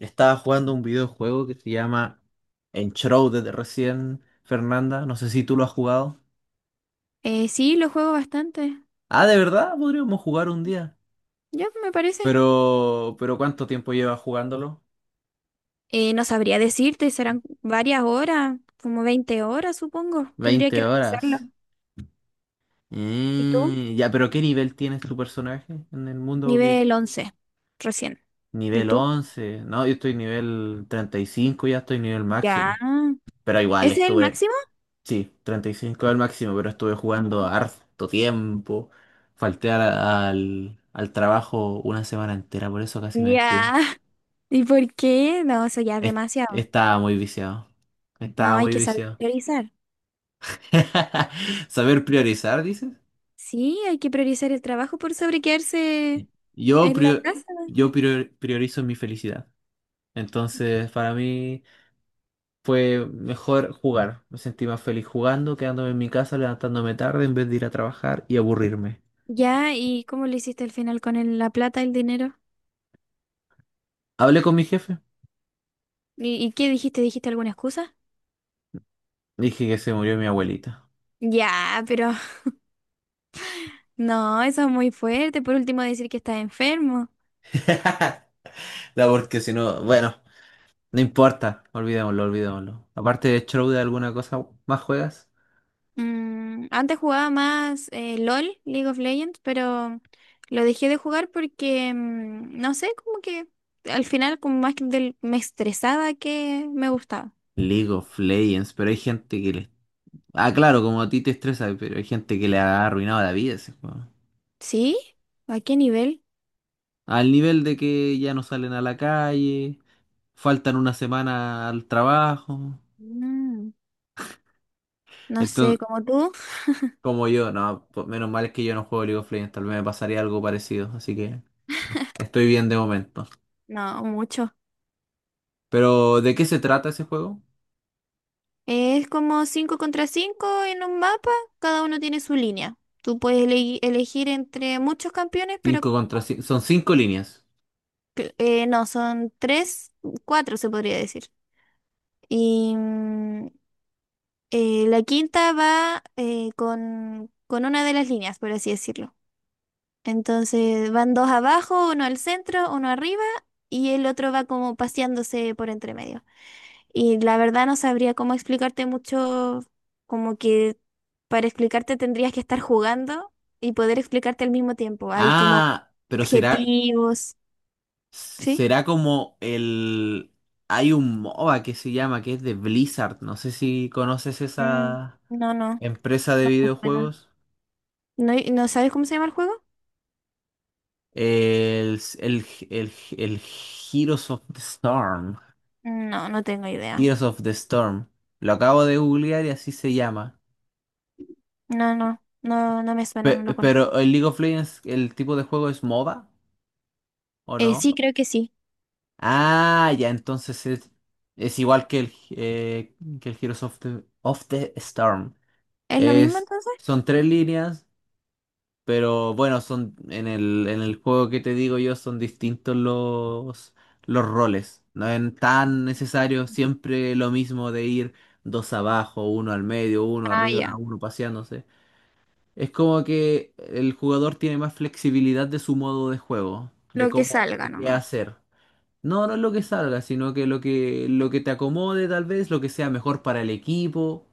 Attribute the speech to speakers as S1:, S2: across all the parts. S1: Estaba jugando un videojuego que se llama Enshrouded recién, Fernanda. No sé si tú lo has jugado.
S2: Sí, lo juego bastante.
S1: Ah, de verdad, podríamos jugar un día.
S2: Ya, me parece.
S1: Pero ¿cuánto tiempo llevas jugándolo?
S2: No sabría decirte, serán varias horas, como 20 horas, supongo. Tendría
S1: 20
S2: que
S1: horas.
S2: revisarlo. ¿Y tú?
S1: Ya, pero ¿qué nivel tienes tu personaje en el mundo? Que
S2: Nivel 11, recién. ¿Y
S1: nivel
S2: tú?
S1: 11. No, yo estoy nivel 35, ya estoy nivel
S2: Ya.
S1: máximo. Pero igual
S2: ¿Ese es el
S1: estuve
S2: máximo?
S1: sí, 35 al máximo, pero estuve jugando harto tiempo. Falté al trabajo una semana entera, por eso casi me despiden.
S2: Ya. ¿Y por qué? No, eso ya es
S1: Es-
S2: demasiado.
S1: Estaba muy viciado.
S2: No,
S1: Estaba
S2: hay
S1: muy
S2: que saber
S1: viciado.
S2: priorizar.
S1: Saber priorizar, dices.
S2: Sí, hay que priorizar el trabajo por sobre quedarse
S1: Yo,
S2: en la
S1: prio-
S2: casa.
S1: yo priorizo mi felicidad. Entonces, para mí fue mejor jugar. Me sentí más feliz jugando, quedándome en mi casa, levantándome tarde en vez de ir a trabajar y aburrirme.
S2: Ya, ¿y cómo lo hiciste al final con la plata, el dinero?
S1: Hablé con mi jefe.
S2: ¿Y qué dijiste? ¿Dijiste alguna excusa?
S1: Dije que se murió mi abuelita.
S2: Ya, pero no, eso es muy fuerte. Por último, decir que estás enfermo.
S1: No, porque si no, bueno, no importa, olvidémoslo, olvidémoslo. Aparte de Shroud, ¿alguna cosa más juegas?
S2: Antes jugaba más LOL, League of Legends, pero lo dejé de jugar porque, no sé, como que al final como más que me estresaba que me gustaba.
S1: League of Legends, pero hay gente que le... Ah, claro, como a ti te estresa, pero hay gente que le ha arruinado la vida ese juego.
S2: ¿Sí? ¿A qué nivel?
S1: Al nivel de que ya no salen a la calle, faltan una semana al trabajo.
S2: Mm, no sé,
S1: Entonces,
S2: como tú.
S1: como yo, no, pues, menos mal es que yo no juego League of Legends, tal vez me pasaría algo parecido, así que estoy bien de momento.
S2: No, mucho.
S1: Pero, ¿de qué se trata ese juego?
S2: Es como 5 contra 5 en un mapa, cada uno tiene su línea. Tú puedes elegir entre muchos campeones, pero
S1: Cinco contra cinco. ¿Son cinco líneas?
S2: No, son tres, cuatro se podría decir. Y la quinta va con una de las líneas, por así decirlo. Entonces van dos abajo, uno al centro, uno arriba y el otro va como paseándose por entre medio. Y la verdad no sabría cómo explicarte mucho, como que para explicarte tendrías que estar jugando y poder explicarte al mismo tiempo. Hay como
S1: Ah, pero será.
S2: objetivos, ¿sí?
S1: Será como el. Hay un MOBA que se llama, que es de Blizzard. No sé si conoces
S2: Mm,
S1: esa
S2: no, no,
S1: empresa de
S2: no, no.
S1: videojuegos.
S2: ¿No, no sabes cómo se llama el juego?
S1: El, el, el Heroes of the Storm.
S2: No, no tengo idea.
S1: Heroes of the Storm. Lo acabo de googlear y así se llama.
S2: No, no, no, no me suena,
S1: Pe-
S2: no lo
S1: pero
S2: conozco.
S1: el League of Legends, el tipo de juego es MOBA, ¿o no?
S2: Sí, creo que sí.
S1: Ah, ya, entonces es igual que el Heroes of the Storm.
S2: ¿Es lo mismo
S1: Es,
S2: entonces?
S1: son tres líneas, pero bueno, son en el juego que te digo yo son distintos los roles. No es tan necesario siempre lo mismo de ir dos abajo, uno al medio, uno
S2: Ah,
S1: arriba,
S2: ya.
S1: uno paseándose. Es como que el jugador tiene más flexibilidad de su modo de juego,
S2: Lo
S1: de
S2: que
S1: cómo,
S2: salga
S1: de qué
S2: nomás.
S1: hacer. No, no es lo que salga, sino que lo que te acomode tal vez, lo que sea mejor para el equipo,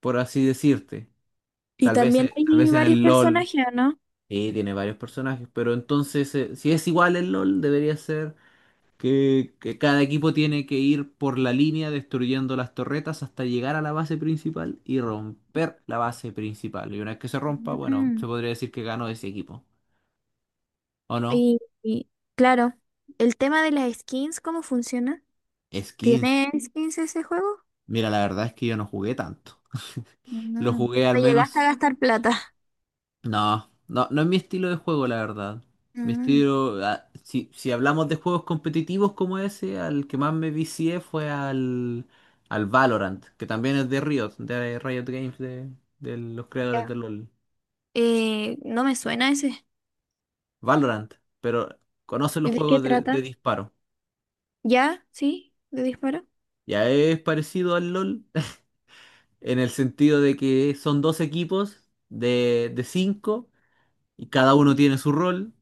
S1: por así decirte.
S2: Y también
S1: Tal
S2: hay
S1: vez en
S2: varios
S1: el LOL,
S2: personajes, ¿o ¿no?
S1: y tiene varios personajes, pero entonces, si es igual el LOL, debería ser que cada equipo tiene que ir por la línea destruyendo las torretas hasta llegar a la base principal y romper la base principal. Y una vez que se rompa, bueno,
S2: Mm.
S1: se podría decir que ganó ese equipo. ¿O no?
S2: Y, claro, el tema de las skins, ¿cómo funciona?
S1: Es 15.
S2: ¿Tiene skins ese juego?
S1: Mira, la verdad es que yo no jugué tanto. Lo
S2: Mm,
S1: jugué al
S2: No llegaste a
S1: menos.
S2: gastar plata.
S1: No, no, no es mi estilo de juego, la verdad. Mi
S2: Mm.
S1: estilo, ah, si hablamos de juegos competitivos como ese, al que más me vicié fue al Valorant, que también es de Riot Games, de los creadores
S2: Ya.
S1: de LoL.
S2: No me suena ese.
S1: Valorant, pero conocen los
S2: ¿De qué
S1: juegos de
S2: trata?
S1: disparo.
S2: ¿Ya? ¿Sí? ¿De disparo?
S1: Ya es parecido al LoL, en el sentido de que son dos equipos de cinco y cada uno tiene su rol,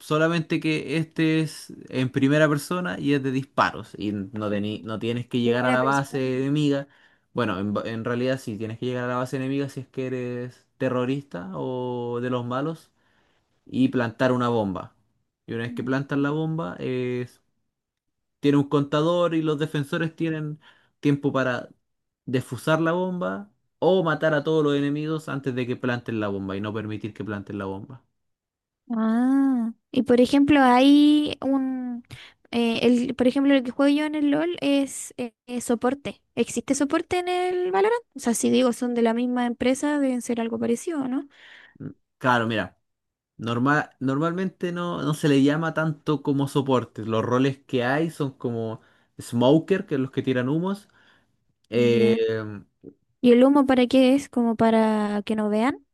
S1: solamente que este es en primera persona y es de disparos y no, no tienes que llegar a
S2: Primera
S1: la
S2: persona.
S1: base enemiga. Bueno, en, en realidad sí tienes que llegar a la base enemiga si es que eres terrorista o de los malos y plantar una bomba. Y una vez que plantas
S2: Mm.
S1: la bomba, tiene un contador y los defensores tienen tiempo para defusar la bomba o matar a todos los enemigos antes de que planten la bomba y no permitir que planten la bomba.
S2: Ah, y por ejemplo, hay un, el, por ejemplo, el que juego yo en el LOL es soporte. ¿Existe soporte en el Valorant? O sea, si digo son de la misma empresa, deben ser algo parecido, ¿no?
S1: Claro, mira. Normalmente no, no se le llama tanto como soporte. Los roles que hay son como smoker, que es los que tiran humos. Eh,
S2: Ya. ¿Y el humo para qué es? ¿Como para que no vean?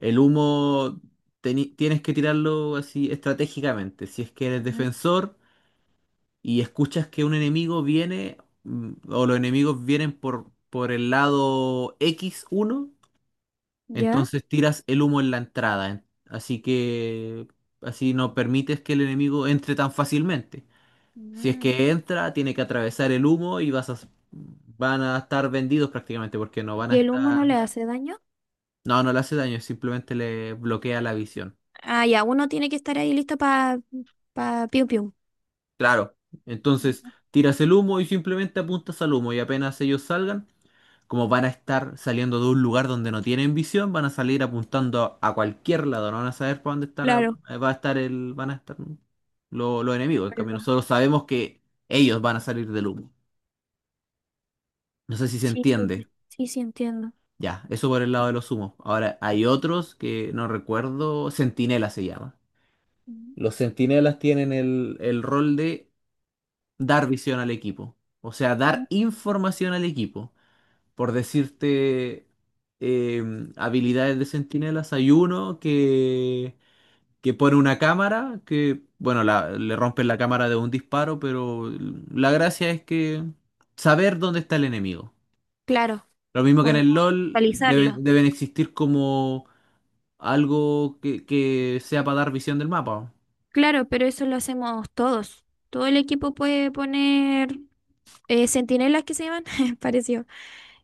S1: el humo tienes que tirarlo así estratégicamente. Si es que eres
S2: Ujú.
S1: defensor y escuchas que un enemigo viene o los enemigos vienen por el lado x uno
S2: ¿Ya?
S1: entonces tiras el humo en la entrada. Así que así no permites que el enemigo entre tan fácilmente. Si es
S2: Mm.
S1: que entra, tiene que atravesar el humo y van a estar vendidos prácticamente porque no van a
S2: ¿Y el humo no
S1: estar...
S2: le hace daño?
S1: No, no le hace daño, simplemente le bloquea la visión.
S2: Ah, ya, uno tiene que estar ahí listo para pa pa piu piu.
S1: Claro. Entonces,
S2: Ujú.
S1: tiras el humo y simplemente apuntas al humo y apenas ellos salgan, como van a estar saliendo de un lugar donde no tienen visión, van a salir apuntando a cualquier lado, no van a saber para dónde estar,
S2: Claro.
S1: va a estar el, van a estar los enemigos. En
S2: Ahí
S1: cambio,
S2: va.
S1: nosotros sabemos que ellos van a salir del humo. No sé si se
S2: Sí, sí,
S1: entiende.
S2: sí, sí, entiendo.
S1: Ya, eso por el lado de los humos. Ahora, hay otros que no recuerdo, Centinela se llama.
S2: Ujú.
S1: Los centinelas tienen el rol de dar visión al equipo, o sea,
S2: Ujú.
S1: dar información al equipo. Por decirte habilidades de centinelas, hay uno que pone una cámara, que, bueno, le rompen la cámara de un disparo, pero la gracia es que saber dónde está el enemigo.
S2: Claro.
S1: Lo mismo que en
S2: Como
S1: el LOL,
S2: actualizarlo.
S1: deben existir algo que sea para dar visión del mapa.
S2: Claro, pero eso lo hacemos todos. Todo el equipo puede poner sentinelas que se llaman, pareció,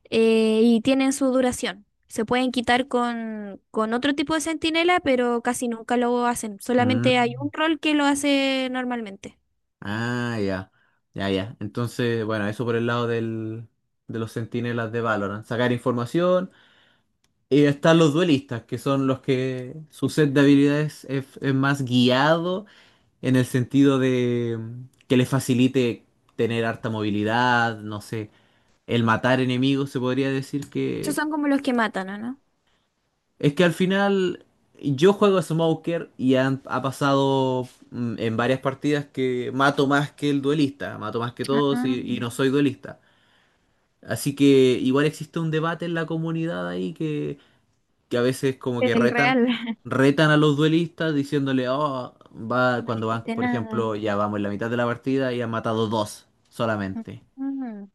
S2: y tienen su duración. Se pueden quitar con otro tipo de sentinela, pero casi nunca lo hacen. Solamente hay un
S1: Mm.
S2: rol que lo hace normalmente.
S1: Ah, ya. Ya, ya. Entonces, bueno, eso por el lado del, de los centinelas de Valorant. Sacar información. Y están los duelistas, que son los que su set de habilidades es más guiado en el sentido de que les facilite tener harta movilidad, no sé, el matar enemigos, se podría decir
S2: Esos
S1: que
S2: son como los que matan, ¿o ¿no?
S1: es que al final yo juego a Smoker y ha pasado en varias partidas que mato más que el duelista, mato más que todos
S2: Ah.
S1: y no soy duelista. Así que igual existe un debate en la comunidad ahí que a veces como que
S2: El
S1: retan,
S2: real.
S1: retan a los duelistas diciéndole, oh, va,
S2: No
S1: cuando van,
S2: existe
S1: por
S2: nada.
S1: ejemplo, ya vamos en la mitad de la partida y han matado dos solamente.
S2: mm,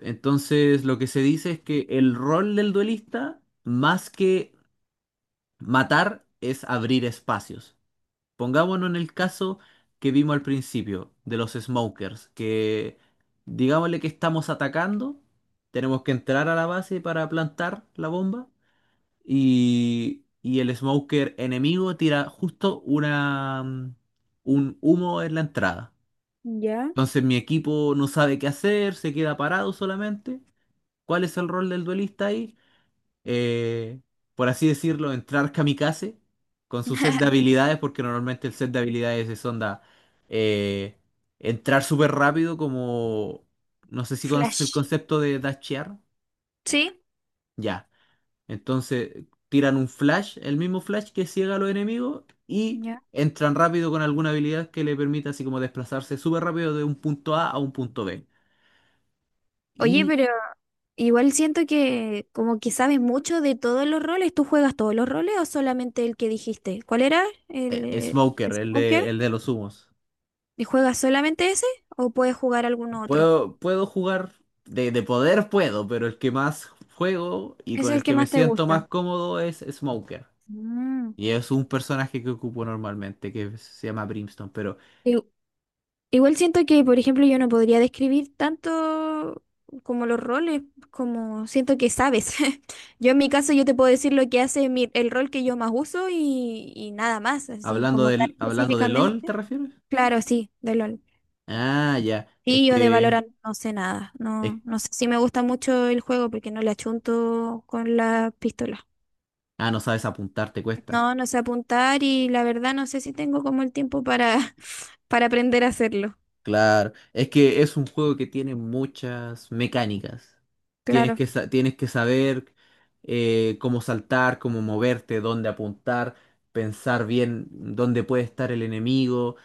S1: Entonces lo que se dice es que el rol del duelista, más que matar es abrir espacios. Pongámonos en el caso que vimos al principio de los smokers, que digámosle que estamos atacando, tenemos que entrar a la base para plantar la bomba y el smoker enemigo tira justo un humo en la entrada.
S2: ya.
S1: Entonces mi equipo no sabe qué hacer, se queda parado solamente. ¿Cuál es el rol del duelista ahí? eh, por así decirlo, entrar kamikaze con su set de habilidades, porque normalmente el set de habilidades es onda eh, entrar súper rápido, como no sé si conoces el
S2: Flash.
S1: concepto de dashear.
S2: ¿Sí?
S1: Ya. Entonces tiran un flash, el mismo flash que ciega a los enemigos y
S2: Ya.
S1: entran rápido con alguna habilidad que le permita así como desplazarse súper rápido de un punto A a un punto B.
S2: Oye,
S1: Y
S2: pero igual siento que como que sabes mucho de todos los roles. ¿Tú juegas todos los roles o solamente el que dijiste? ¿Cuál era? ¿El
S1: Smoker,
S2: es
S1: el de los humos.
S2: ¿Y juegas solamente ese o puedes jugar alguno otro?
S1: Puedo, puedo jugar, de poder puedo, pero el que más juego y
S2: ¿Es
S1: con
S2: el
S1: el
S2: que
S1: que me
S2: más te
S1: siento
S2: gusta?
S1: más cómodo es Smoker.
S2: Mm.
S1: Y es un personaje que ocupo normalmente, que se llama Brimstone. Pero
S2: I- Igual siento que, por ejemplo, yo no podría describir tanto como los roles, como siento que sabes. Yo en mi caso yo te puedo decir lo que hace el rol que yo más uso y, nada más, así
S1: hablando
S2: como tan
S1: del, hablando de LOL, ¿te
S2: específicamente.
S1: refieres?
S2: Claro, sí, de LOL.
S1: Ah, ya. Es
S2: Sí, yo de
S1: que...
S2: Valorant no sé nada.
S1: es-
S2: No, no sé si me gusta mucho el juego porque no le achunto con la pistola.
S1: ah, no sabes apuntar, te
S2: No,
S1: cuesta.
S2: no sé apuntar y la verdad no sé si tengo como el tiempo para, para aprender a hacerlo.
S1: Claro, es que es un juego que tiene muchas mecánicas. Tienes
S2: Claro.
S1: que, tienes que saber cómo saltar, cómo moverte, dónde apuntar, pensar bien dónde puede estar el enemigo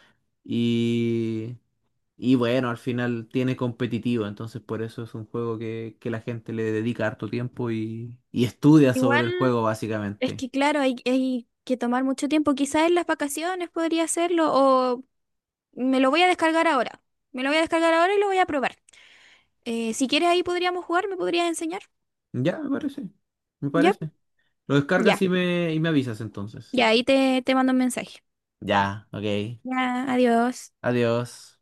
S1: y, y bueno, al final tiene competitivo, entonces por eso es un juego que la gente le dedica harto tiempo y estudia sobre el
S2: Igual
S1: juego
S2: es
S1: básicamente.
S2: que claro, hay que tomar mucho tiempo. Quizás en las vacaciones podría hacerlo o me lo voy a descargar ahora. Me lo voy a descargar ahora y lo voy a probar. Si quieres ahí podríamos jugar, me podrías enseñar.
S1: Ya, me parece, me
S2: Ya,
S1: parece. Lo
S2: ya,
S1: descargas y y me avisas entonces.
S2: ya, ahí te mando un mensaje.
S1: Ya, ok.
S2: Ya, adiós.
S1: Adiós.